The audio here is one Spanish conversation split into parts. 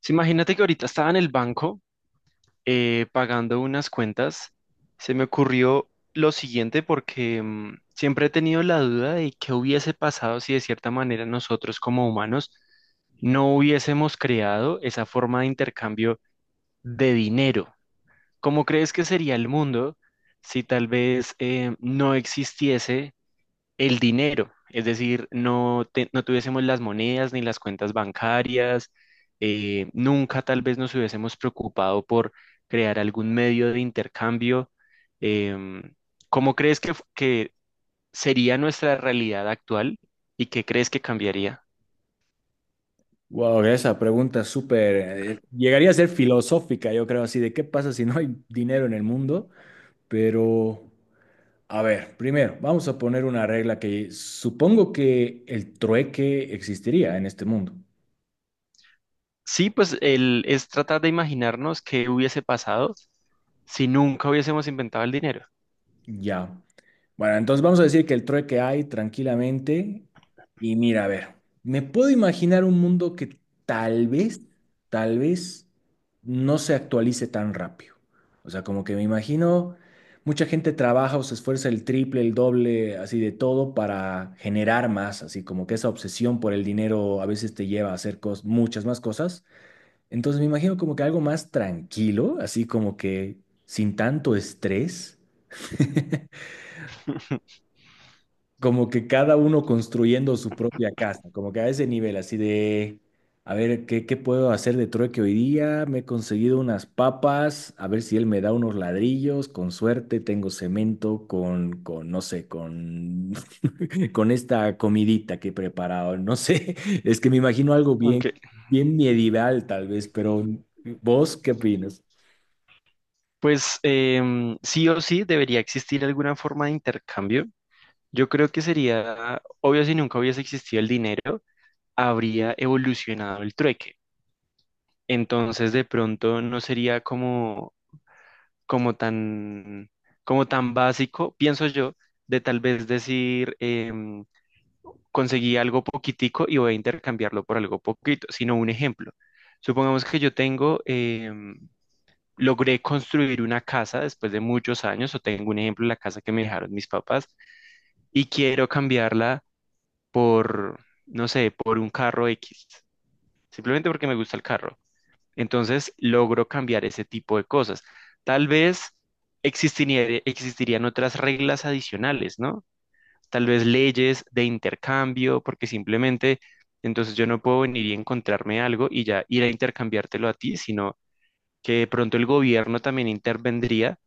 Sí, imagínate que ahorita estaba en el banco pagando unas cuentas. Se me ocurrió lo siguiente porque siempre he tenido la duda de qué hubiese pasado si de cierta manera nosotros como humanos no hubiésemos creado esa forma de intercambio de dinero. ¿Cómo crees que sería el mundo si tal vez no existiese el dinero? Es decir, no, no tuviésemos las monedas ni las cuentas bancarias, nunca tal vez nos hubiésemos preocupado por crear algún medio de intercambio. em, ¿Cómo crees que, que sería nuestra realidad actual y qué crees que cambiaría? Wow, esa pregunta es súper, llegaría a ser filosófica, yo creo, así de qué pasa si no hay dinero en el mundo. Pero a ver, primero, vamos a poner una regla que supongo que el trueque existiría en este mundo, Sí, pues el, es tratar de imaginarnos qué hubiese pasado si nunca hubiésemos inventado el dinero. ya. Bueno, entonces vamos a decir que el trueque hay tranquilamente. Y mira, a ver, me puedo imaginar un mundo que tal vez, tal vez no se actualice tan rápido. O sea, como que me imagino, mucha gente trabaja o se esfuerza el triple, el doble, así de todo para generar más, así como que esa obsesión por el dinero a veces te lleva a hacer muchas más cosas. Entonces me imagino como que algo más tranquilo, así como que sin tanto estrés. Como que cada uno construyendo su propia casa, como que a ese nivel, así de, a ver, ¿qué, qué puedo hacer de trueque hoy día? Me he conseguido unas papas, a ver si él me da unos ladrillos, con suerte tengo cemento con no sé, con, con esta comidita que he preparado, no sé, es que me imagino algo bien, Aunque, bien medieval tal vez, pero ¿vos qué opinas? pues sí o sí debería existir alguna forma de intercambio. Yo creo que sería obvio si nunca hubiese existido el dinero, habría evolucionado el trueque. Entonces, de pronto no sería como, como tan, como tan básico, pienso yo, de tal vez decir, conseguí algo poquitico y voy a intercambiarlo por algo poquito, sino un ejemplo. Supongamos que yo tengo, logré construir una casa después de muchos años, o tengo un ejemplo, la casa que me dejaron mis papás, y quiero cambiarla por, no sé, por un carro X, simplemente porque me gusta el carro. Entonces logro cambiar ese tipo de cosas. Tal vez existirían otras reglas adicionales, ¿no? Tal vez leyes de intercambio, porque simplemente entonces yo no puedo venir y encontrarme algo y ya ir a intercambiártelo a ti, sino que de pronto el gobierno también intervendría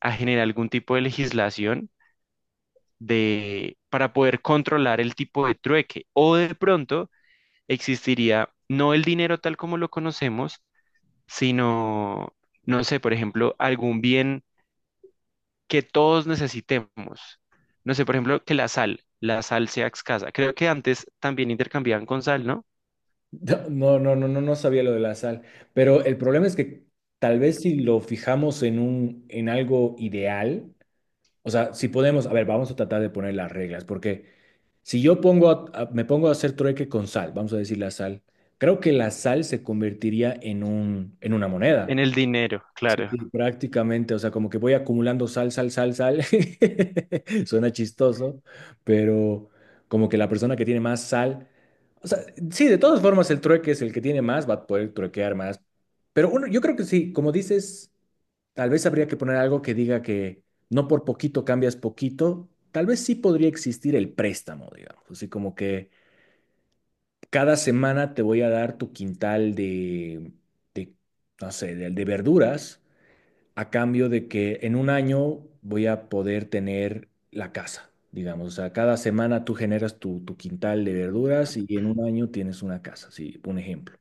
a generar algún tipo de legislación de, para poder controlar el tipo de trueque. O de pronto existiría no el dinero tal como lo conocemos, sino, no sé, por ejemplo, algún bien que todos necesitemos. No sé, por ejemplo, que la sal sea escasa. Creo que antes también intercambiaban con sal, ¿no? No, no, no, no, no sabía lo de la sal, pero el problema es que tal vez si lo fijamos en en algo ideal, o sea, si podemos, a ver, vamos a tratar de poner las reglas, porque si yo pongo, me pongo a hacer trueque con sal, vamos a decir la sal, creo que la sal se convertiría en en una En moneda. el dinero, claro. Prácticamente, o sea, como que voy acumulando sal, sal, sal, sal. Suena chistoso, pero como que la persona que tiene más sal, o sea, sí, de todas formas el trueque es el que tiene más, va a poder truequear más. Pero uno, yo creo que sí, como dices, tal vez habría que poner algo que diga que no por poquito cambias poquito. Tal vez sí podría existir el préstamo, digamos, así como que cada semana te voy a dar tu quintal de, de no sé, de verduras a cambio de que en un año voy a poder tener la casa, digamos. O sea, cada semana tú generas tu, tu quintal de verduras y en un año tienes una casa, sí, un ejemplo.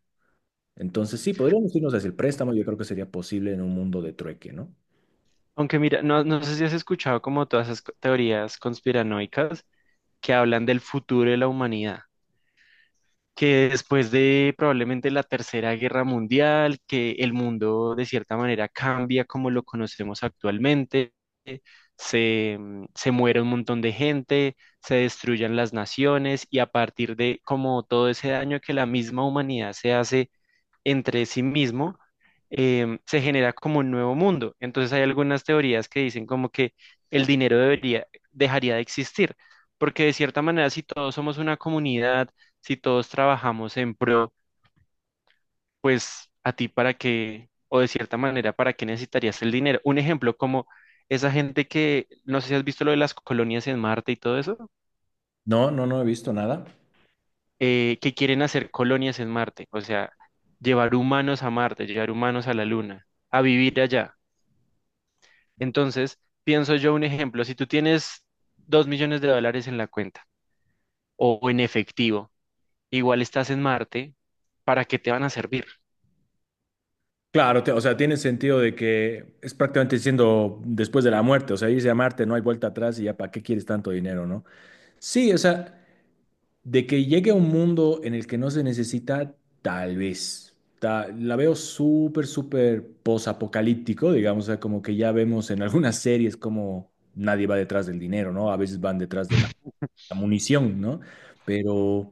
Entonces, sí, podríamos irnos hacia el préstamo, yo creo que sería posible en un mundo de trueque, ¿no? Aunque mira, no, no sé si has escuchado como todas esas teorías conspiranoicas que hablan del futuro de la humanidad, que después de probablemente la Tercera Guerra Mundial, que el mundo de cierta manera cambia como lo conocemos actualmente, se, se muere un montón de gente, se destruyan las naciones y a partir de como todo ese daño que la misma humanidad se hace entre sí mismo, se genera como un nuevo mundo. Entonces hay algunas teorías que dicen como que el dinero debería, dejaría de existir, porque de cierta manera si todos somos una comunidad, si todos trabajamos en pro, pues a ti para qué, o de cierta manera, ¿para qué necesitarías el dinero? Un ejemplo como esa gente que, no sé si has visto lo de las colonias en Marte y todo eso, No, no, no he visto nada. Que quieren hacer colonias en Marte, o sea, llevar humanos a Marte, llevar humanos a la Luna, a vivir allá. Entonces, pienso yo un ejemplo, si tú tienes $2 millones en la cuenta o en efectivo, igual estás en Marte, ¿para qué te van a servir? Claro, te- o sea, tiene sentido de que es prácticamente diciendo después de la muerte, o sea, irse a Marte, no hay vuelta atrás y ya para qué quieres tanto dinero, ¿no? Sí, o sea, de que llegue a un mundo en el que no se necesita, tal vez. Ta- la veo súper, súper posapocalíptico, digamos, o sea, como que ya vemos en algunas series como nadie va detrás del dinero, ¿no? A veces van detrás de la, la munición, ¿no? Pero,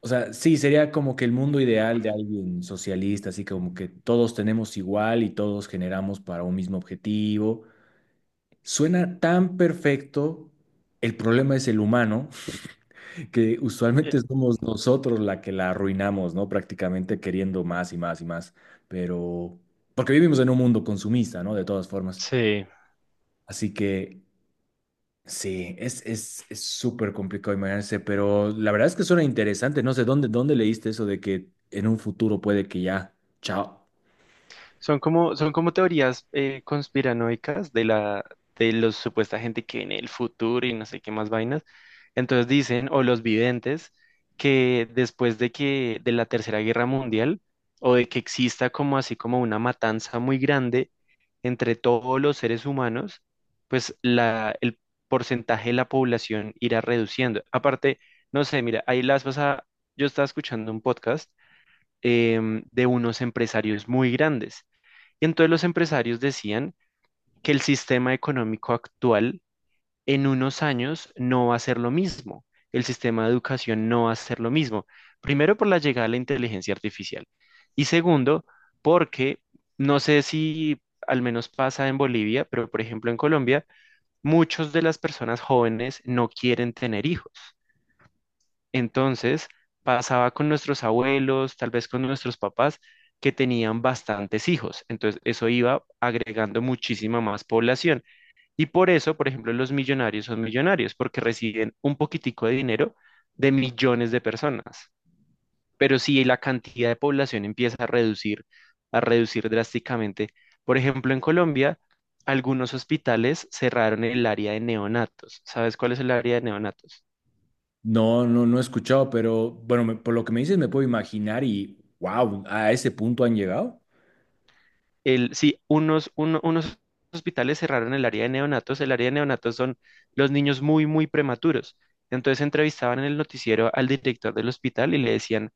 o sea, sí, sería como que el mundo ideal de alguien socialista, así como que todos tenemos igual y todos generamos para un mismo objetivo. Suena tan perfecto, el problema es el humano que Eh, usualmente somos nosotros la que la arruinamos, ¿no? Prácticamente queriendo más y más y más, pero porque vivimos en un mundo consumista, ¿no? De todas formas. Sí, Así que sí, es es súper complicado imaginarse, pero la verdad es que suena interesante. No sé dónde leíste eso de que en un futuro puede que ya, chao. Son como teorías conspiranoicas de la, de los supuesta gente que en el futuro y no sé qué más vainas. Entonces dicen, o los videntes, que después de que, de la Tercera Guerra Mundial, o de que exista como así como una matanza muy grande entre todos los seres humanos, pues la, el porcentaje de la población irá reduciendo. Aparte, no sé, mira, ahí las vas a... Yo estaba escuchando un podcast de unos empresarios muy grandes. Y entonces los empresarios decían que el sistema económico actual en unos años no va a ser lo mismo. El sistema de educación no va a ser lo mismo. Primero, por la llegada de la inteligencia artificial. Y segundo, porque no sé si al menos pasa en Bolivia, pero por ejemplo en Colombia, muchas de las personas jóvenes no quieren tener hijos. Entonces, pasaba con nuestros abuelos, tal vez con nuestros papás, que tenían bastantes hijos. Entonces, eso iba agregando muchísima más población. Y por eso, por ejemplo, los millonarios son millonarios, porque reciben un poquitico de dinero de millones de personas. Pero si la cantidad de población empieza a reducir drásticamente, por ejemplo, en Colombia, algunos hospitales cerraron el área de neonatos. ¿Sabes cuál es el área de neonatos? No, no, no he escuchado, pero bueno, me- por lo que me dices me puedo imaginar y wow, a ese punto han llegado. El, sí, unos, unos hospitales cerraron el área de neonatos. El área de neonatos son los niños muy, muy prematuros. Entonces entrevistaban en el noticiero al director del hospital y le decían,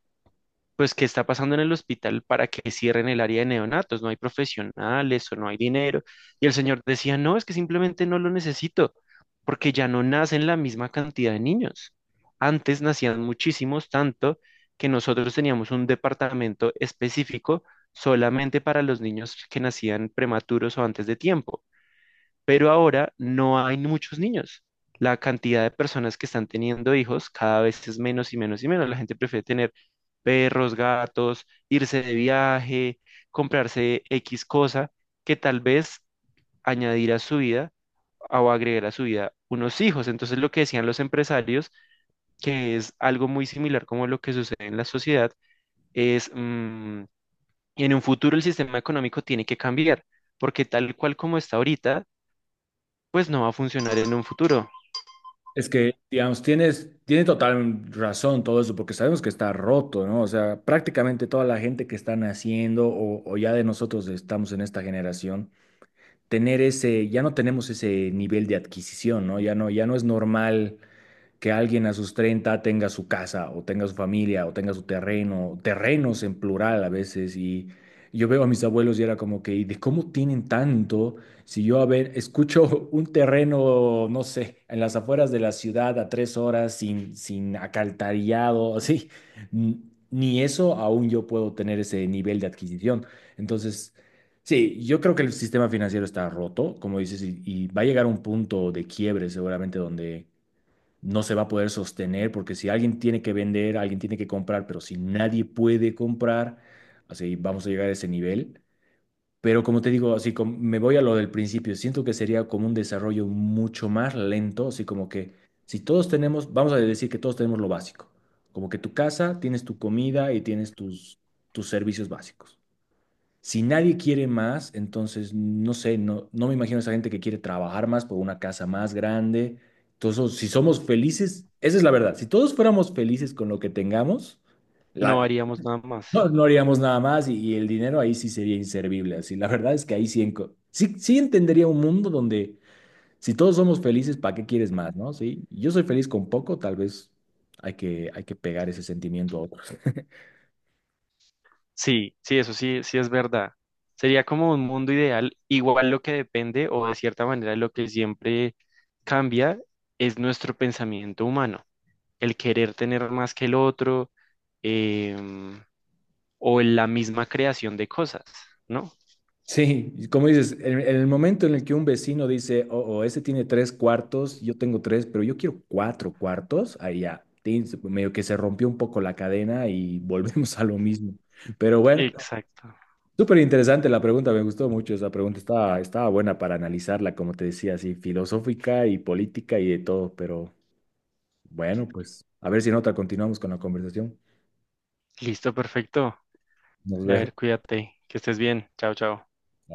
pues, ¿qué está pasando en el hospital para que cierren el área de neonatos? No hay profesionales o no hay dinero. Y el señor decía, no, es que simplemente no lo necesito, porque ya no nacen la misma cantidad de niños. Antes nacían muchísimos, tanto que nosotros teníamos un departamento específico solamente para los niños que nacían prematuros o antes de tiempo, pero ahora no hay muchos niños. La cantidad de personas que están teniendo hijos cada vez es menos y menos y menos. La gente prefiere tener perros, gatos, irse de viaje, comprarse X cosa que tal vez añadir a su vida o agregar a su vida unos hijos. Entonces lo que decían los empresarios, que es algo muy similar como lo que sucede en la sociedad, es en un futuro el sistema económico tiene que cambiar, porque tal cual como está ahorita, pues no va a funcionar en un futuro. Es que, digamos, tiene total razón todo eso, porque sabemos que está roto, ¿no? O sea, prácticamente toda la gente que está naciendo o, ya de nosotros estamos en esta generación, tener ese, ya no tenemos ese nivel de adquisición, ¿no? Ya no, ya no es normal que alguien a sus 30 tenga su casa o tenga su familia o tenga su terreno, terrenos en plural a veces. Y yo veo a mis abuelos y era como que, ¿y de cómo tienen tanto? Si yo, a ver, escucho un terreno, no sé, en las afueras de la ciudad a tres horas sin acaltarillado, así, n- ni eso aún yo puedo tener ese nivel de adquisición. Entonces... Sí, yo creo que el sistema financiero está roto, como dices, y va a llegar un punto de quiebre seguramente donde no se va a poder sostener porque si alguien tiene que vender, alguien tiene que comprar, pero si nadie puede comprar, así vamos a llegar a ese nivel. Pero como te digo, así como me voy a lo del principio, siento que sería como un desarrollo mucho más lento, así como que si todos tenemos, vamos a decir que todos tenemos lo básico, como que tu casa, tienes tu comida y tienes tus, tus servicios básicos. Si nadie quiere más, entonces no sé, no, no me imagino a esa gente que quiere trabajar más por una casa más grande. Entonces, si somos felices, esa es la verdad. Si todos fuéramos felices con lo que tengamos, No la- haríamos nada más. no, no haríamos nada más y el dinero ahí sí sería inservible. Así, la verdad es que ahí sí, enco- sí, sí entendería un mundo donde si todos somos felices, ¿para qué quieres más, no? Sí, yo soy feliz con poco, tal vez hay que pegar ese sentimiento a otros. Sí, sí, eso sí, sí es verdad. Sería como un mundo ideal, igual lo que depende o de cierta manera lo que siempre cambia es nuestro pensamiento humano, el querer tener más que el otro, em, o en la misma creación de cosas, ¿no? Sí, como dices, en el momento en el que un vecino dice, oh, oh, ese tiene tres cuartos, yo tengo tres, pero yo quiero cuatro cuartos, ahí ya, tin, se- medio que se rompió un poco la cadena y volvemos a lo mismo. Pero bueno, Exacto. súper interesante la pregunta, me gustó mucho esa pregunta, estaba buena para analizarla, como te decía, así filosófica y política y de todo, pero bueno, pues a ver si en otra continuamos con la conversación. Listo, perfecto. A Nos vemos. ver, cuídate, que estés bien. Chao, chao.